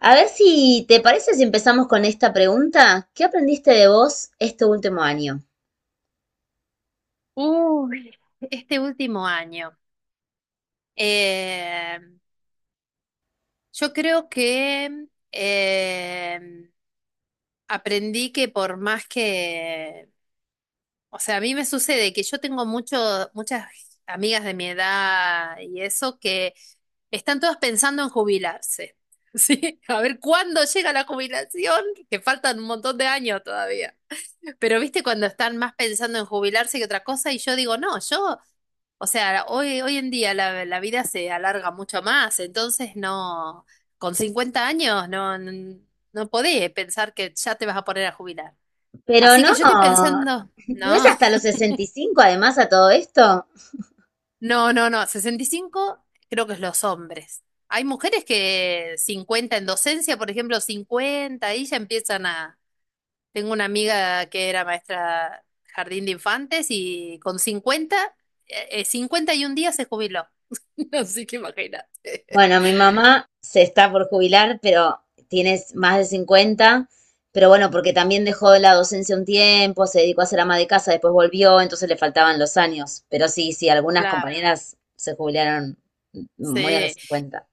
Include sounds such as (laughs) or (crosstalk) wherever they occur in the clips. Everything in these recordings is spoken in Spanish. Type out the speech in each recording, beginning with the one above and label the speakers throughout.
Speaker 1: A ver si te parece si empezamos con esta pregunta. ¿Qué aprendiste de vos este último año?
Speaker 2: Uy, este último año. Eh, yo creo que aprendí que por más que, o sea, a mí me sucede que yo tengo muchas amigas de mi edad y eso que están todas pensando en jubilarse. (laughs) Sí, a ver cuándo llega la jubilación, que faltan un montón de años todavía. Pero viste cuando están más pensando en jubilarse que otra cosa y yo digo, no, yo, o sea, hoy en día la vida se alarga mucho más, entonces no, con 50 años no, no podés pensar que ya te vas a poner a jubilar.
Speaker 1: Pero
Speaker 2: Así
Speaker 1: no,
Speaker 2: que yo estoy pensando,
Speaker 1: no es
Speaker 2: no,
Speaker 1: hasta los 65. Además a todo esto.
Speaker 2: (laughs) no, 65 creo que es los hombres. Hay mujeres que 50 en docencia, por ejemplo, 50 y ya empiezan a, tengo una amiga que era maestra jardín de infantes y con 50, 51 días se jubiló. (laughs) Así que imagínate.
Speaker 1: Bueno, mi mamá se está por jubilar, pero tienes más de 50. Pero bueno, porque también dejó la docencia un tiempo, se dedicó a ser ama de casa, después volvió, entonces le faltaban los años. Pero sí, sí, algunas
Speaker 2: Claro.
Speaker 1: compañeras se jubilaron muy a los
Speaker 2: Sí,
Speaker 1: 50.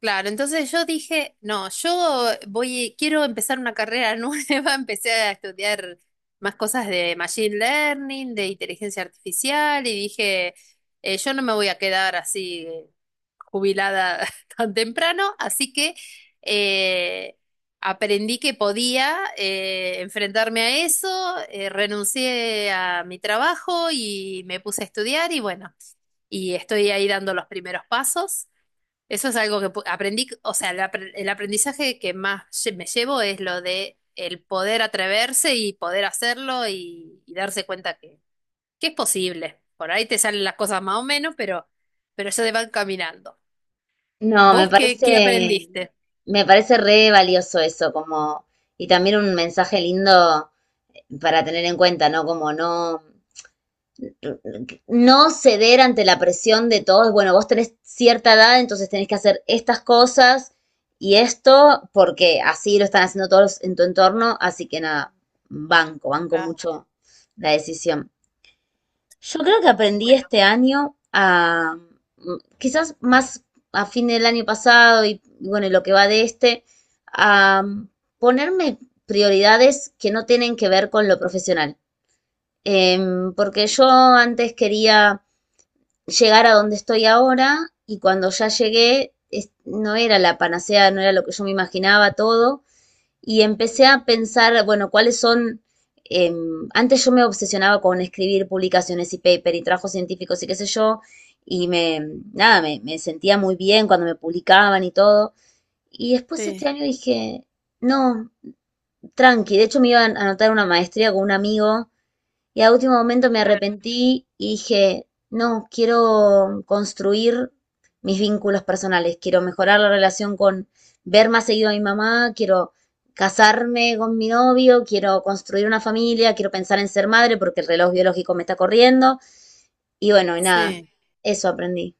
Speaker 2: claro, entonces yo dije, no, yo voy, quiero empezar una carrera (laughs) nueva, empecé a estudiar más cosas de machine learning, de inteligencia artificial, y dije, yo no me voy a quedar así, jubilada (laughs) tan temprano, así que eh, aprendí que podía, enfrentarme a eso, renuncié a mi trabajo y me puse a estudiar y bueno, y estoy ahí dando los primeros pasos. Eso es algo que aprendí, o sea, el el aprendizaje que más me llevo es lo de el poder atreverse y poder hacerlo y darse cuenta que es posible. Por ahí te salen las cosas más o menos, pero ya te van caminando.
Speaker 1: No,
Speaker 2: ¿Vos qué, qué aprendiste?
Speaker 1: me parece re valioso eso, como, y también un mensaje lindo para tener en cuenta, ¿no? Como no, no ceder ante la presión de todos. Bueno, vos tenés cierta edad, entonces tenés que hacer estas cosas y esto, porque así lo están haciendo todos en tu entorno, así que nada, banco, banco
Speaker 2: Claro,
Speaker 1: mucho la decisión. Yo creo que aprendí
Speaker 2: bueno,
Speaker 1: este año a, quizás más a fin del año pasado y bueno, y lo que va de este, a ponerme prioridades que no tienen que ver con lo profesional. Porque yo antes quería llegar a donde estoy ahora y cuando ya llegué no era la panacea, no era lo que yo me imaginaba todo y empecé a pensar, bueno, cuáles son... eh, Antes yo me obsesionaba con escribir publicaciones y paper y trabajos científicos y qué sé yo, y me, nada, me sentía muy bien cuando me publicaban y todo. Y después este
Speaker 2: sí,
Speaker 1: año dije, no, tranqui, de hecho me iba a anotar una maestría con un amigo y a último momento me
Speaker 2: claro.
Speaker 1: arrepentí y dije, no, quiero construir mis vínculos personales, quiero mejorar la relación con ver más seguido a mi mamá, quiero casarme con mi novio, quiero construir una familia, quiero pensar en ser madre porque el reloj biológico me está corriendo. Y bueno, y nada,
Speaker 2: Sí.
Speaker 1: eso aprendí.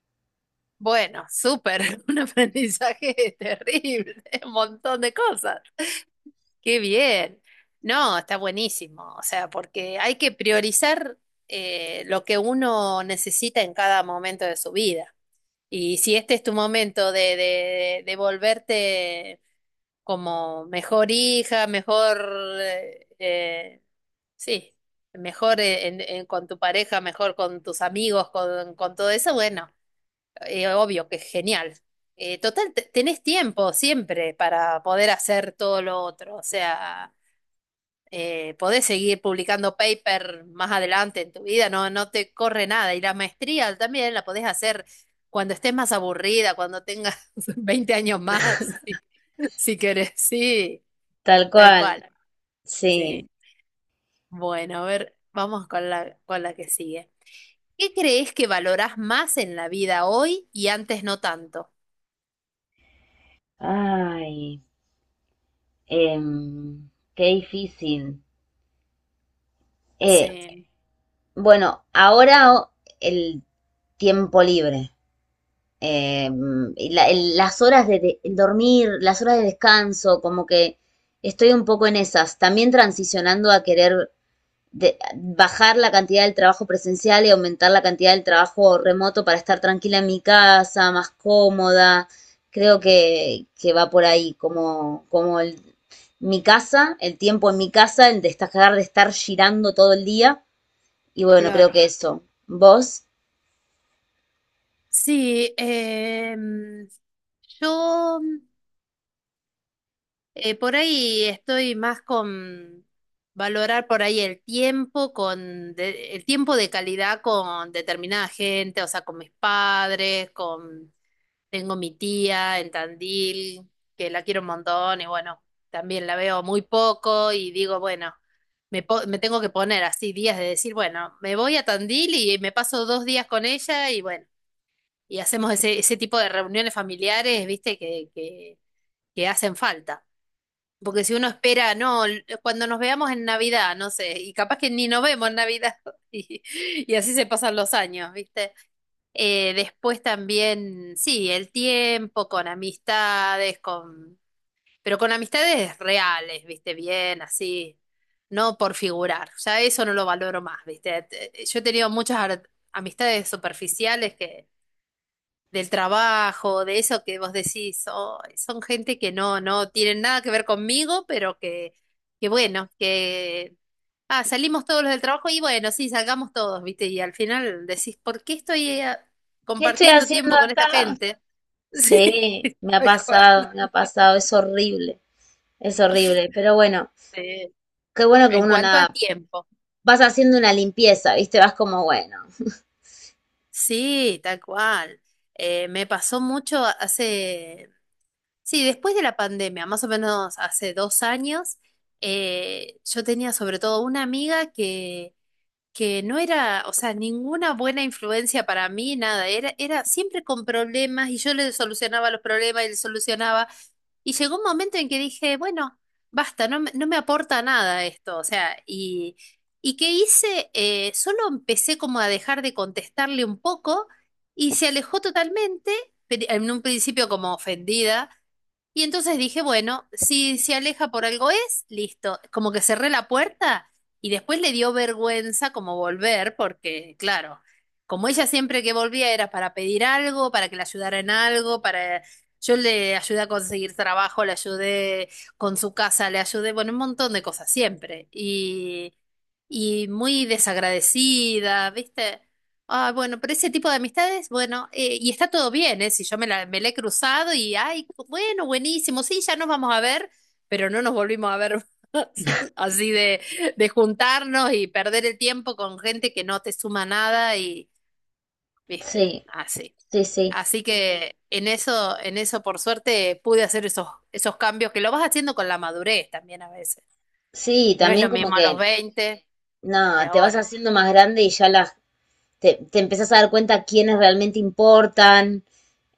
Speaker 2: Bueno, súper, (laughs) un aprendizaje terrible, un montón de cosas. Qué bien. No, está buenísimo. O sea, porque hay que priorizar, lo que uno necesita en cada momento de su vida. Y si este es tu momento de volverte como mejor hija, mejor, eh, eh, sí, mejor con tu pareja, mejor con tus amigos, con todo eso, bueno, obvio que es genial. Total, tenés tiempo siempre para poder hacer todo lo otro, o sea, podés seguir publicando paper más adelante en tu vida, no, no te corre nada. Y la maestría también la podés hacer cuando estés más aburrida, cuando tengas (laughs) 20 años más, si, si querés. Sí,
Speaker 1: Tal
Speaker 2: tal
Speaker 1: cual,
Speaker 2: cual.
Speaker 1: sí.
Speaker 2: Sí. Bueno, a ver, vamos con con la que sigue. ¿Qué crees que valorás más en la vida hoy y antes no tanto?
Speaker 1: Ay, em, qué difícil. Eh,
Speaker 2: Sí,
Speaker 1: bueno, ahora el tiempo libre. Eh, las horas de, el dormir, las horas de descanso, como que estoy un poco en esas. También transicionando a querer bajar la cantidad del trabajo presencial y aumentar la cantidad del trabajo remoto para estar tranquila en mi casa, más cómoda. Creo que va por ahí, como, como mi casa, el tiempo en mi casa, el destacar de estar girando todo el día. Y bueno, creo
Speaker 2: claro.
Speaker 1: que eso. ¿Vos?
Speaker 2: Sí, yo, por ahí estoy más con valorar por ahí el tiempo con el tiempo de calidad con determinada gente, o sea, con mis padres, con, tengo mi tía en Tandil, que la quiero un montón y bueno, también la veo muy poco y digo, bueno, me tengo que poner así días de decir, bueno, me voy a Tandil y me paso 2 días con ella y bueno, y hacemos ese, ese tipo de reuniones familiares, viste, que hacen falta. Porque si uno espera, no, cuando nos veamos en Navidad, no sé, y capaz que ni nos vemos en Navidad, (laughs) y, y así se pasan los años, ¿viste? Después también, sí, el tiempo, con amistades, con, pero con amistades reales, ¿viste? Bien, así, no por figurar, ya eso no lo valoro más, ¿viste? Yo he tenido muchas amistades superficiales que del trabajo, de eso que vos decís, "Oh, son gente que no, no tienen nada que ver conmigo, pero que bueno, que ah, salimos todos los del trabajo y bueno, sí, salgamos todos, ¿viste?" Y al final decís, ¿por qué estoy,
Speaker 1: ¿Qué estoy
Speaker 2: compartiendo
Speaker 1: haciendo
Speaker 2: tiempo con esta
Speaker 1: acá?
Speaker 2: gente? (laughs) Sí,
Speaker 1: Sí,
Speaker 2: tal cual.
Speaker 1: me ha pasado, es horrible, pero bueno,
Speaker 2: Eh,
Speaker 1: qué bueno que
Speaker 2: en
Speaker 1: uno
Speaker 2: cuanto al
Speaker 1: nada,
Speaker 2: tiempo.
Speaker 1: vas haciendo una limpieza, ¿viste? Vas como, bueno,
Speaker 2: Sí, tal cual. Me pasó mucho hace Sí, después de la pandemia, más o menos hace 2 años, yo tenía sobre todo una amiga que no era, o sea, ninguna buena influencia para mí, nada, era siempre con problemas y yo le solucionaba los problemas y le solucionaba. Y llegó un momento en que dije, bueno, basta, no, no me aporta nada esto, o sea, y ¿qué hice? Solo empecé como a dejar de contestarle un poco y se alejó totalmente, pero en un principio como ofendida. Y entonces dije, bueno, si se aleja por algo es, listo, como que cerré la puerta y después le dio vergüenza como volver, porque claro, como ella siempre que volvía era para pedir algo, para que la ayudara en algo, para... Yo le ayudé a conseguir trabajo, le ayudé con su casa, le ayudé, bueno, un montón de cosas siempre. Y muy desagradecida, ¿viste? Ah, bueno, pero ese tipo de amistades, bueno, y está todo bien, ¿eh? Si yo me la he cruzado y, ay, bueno, buenísimo, sí, ya nos vamos a ver, pero no nos volvimos a ver (laughs) más. Así de juntarnos y perder el tiempo con gente que no te suma nada y, viste,
Speaker 1: sí,
Speaker 2: así.
Speaker 1: sí, sí,
Speaker 2: Así que en eso, por suerte, pude hacer esos, esos cambios que lo vas haciendo con la madurez también a veces.
Speaker 1: sí, y
Speaker 2: No es
Speaker 1: también
Speaker 2: lo
Speaker 1: como
Speaker 2: mismo a los
Speaker 1: que,
Speaker 2: veinte que
Speaker 1: no, te vas
Speaker 2: ahora.
Speaker 1: haciendo más grande y ya te empezás a dar cuenta quiénes realmente importan,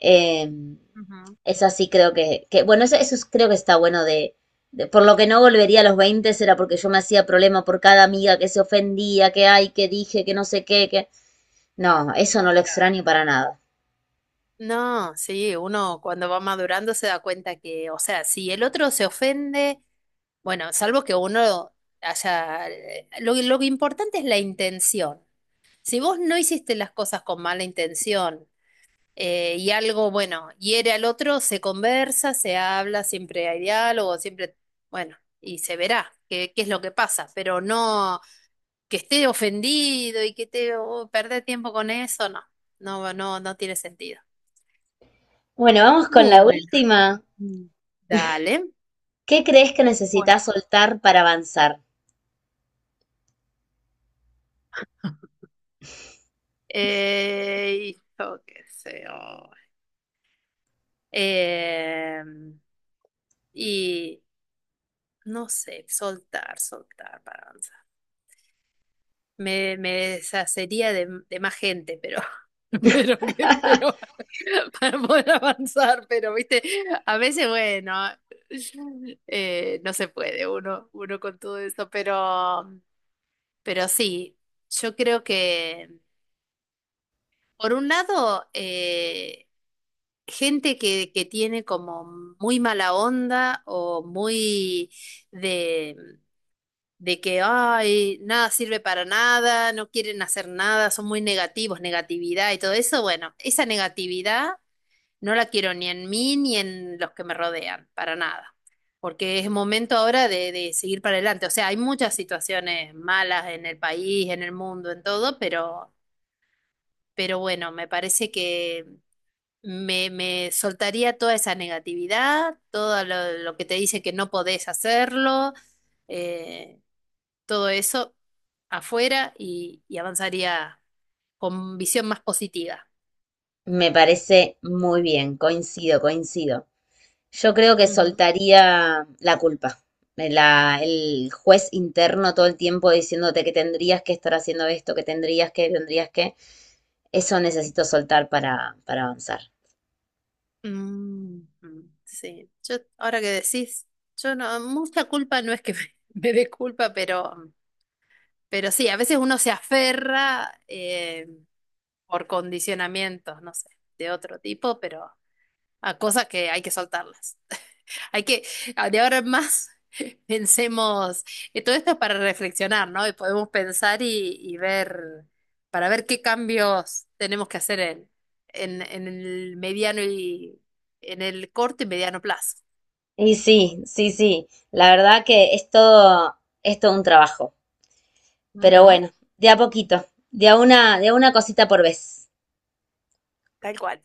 Speaker 1: eh,
Speaker 2: Ujú.
Speaker 1: es así creo que bueno, eso, creo que está bueno de, por lo que no volvería a los 20 era porque yo me hacía problema por cada amiga que se ofendía, que ay, que dije, que no sé qué, que... No, eso no lo extraño para nada.
Speaker 2: No, sí, uno cuando va madurando se da cuenta que, o sea, si el otro se ofende, bueno, salvo que uno haya... Lo importante es la intención. Si vos no hiciste las cosas con mala intención, y algo, bueno, hiere al otro, se conversa, se habla, siempre hay diálogo, siempre, bueno, y se verá qué, qué es lo que pasa, pero no que esté ofendido y que te oh, perder tiempo con eso, no, no tiene sentido.
Speaker 1: Bueno, vamos con la
Speaker 2: Bueno,
Speaker 1: última.
Speaker 2: mm, dale.
Speaker 1: ¿Qué crees que
Speaker 2: Bueno.
Speaker 1: necesitas soltar para avanzar?
Speaker 2: (laughs) Yo qué sé. Oh. Eh, y no sé, soltar, soltar, para, me deshacería de más gente, pero, (laughs) pero que, pero (laughs) para poder avanzar, pero viste, a veces, bueno, no se puede uno, uno con todo eso, pero sí, yo creo que, por un lado, gente que tiene como muy mala onda o muy de que, ay, nada sirve para nada, no quieren hacer nada, son muy negativos, negatividad y todo eso, bueno, esa negatividad no la quiero ni en mí ni en los que me rodean, para nada. Porque es momento ahora de seguir para adelante. O sea, hay muchas situaciones malas en el país, en el mundo, en todo, pero bueno, me parece que me soltaría toda esa negatividad, todo lo que te dice que no podés hacerlo. eh, Todo eso afuera y avanzaría con visión más positiva.
Speaker 1: Me parece muy bien, coincido, coincido. Yo creo que
Speaker 2: Ujú.
Speaker 1: soltaría la culpa. La- el juez interno todo el tiempo diciéndote que tendrías que estar haciendo esto, que tendrías que, tendrías que. Eso necesito soltar para, avanzar.
Speaker 2: Sí, yo ahora que decís, yo no, mucha culpa no es que (laughs) me dé culpa, pero sí, a veces uno se aferra, por condicionamientos, no sé, de otro tipo, pero a cosas que hay que soltarlas. Hay que, ah, de ahora en más, (laughs) pensemos, todo esto es para reflexionar, ¿no? Y podemos pensar y ver, para ver qué cambios tenemos que hacer en el mediano y en el corto y mediano plazo.
Speaker 1: Y sí, sí, sí. La verdad que es todo un trabajo. Pero
Speaker 2: Ujú.
Speaker 1: bueno, de a poquito, de a una cosita por vez.
Speaker 2: Tal cual.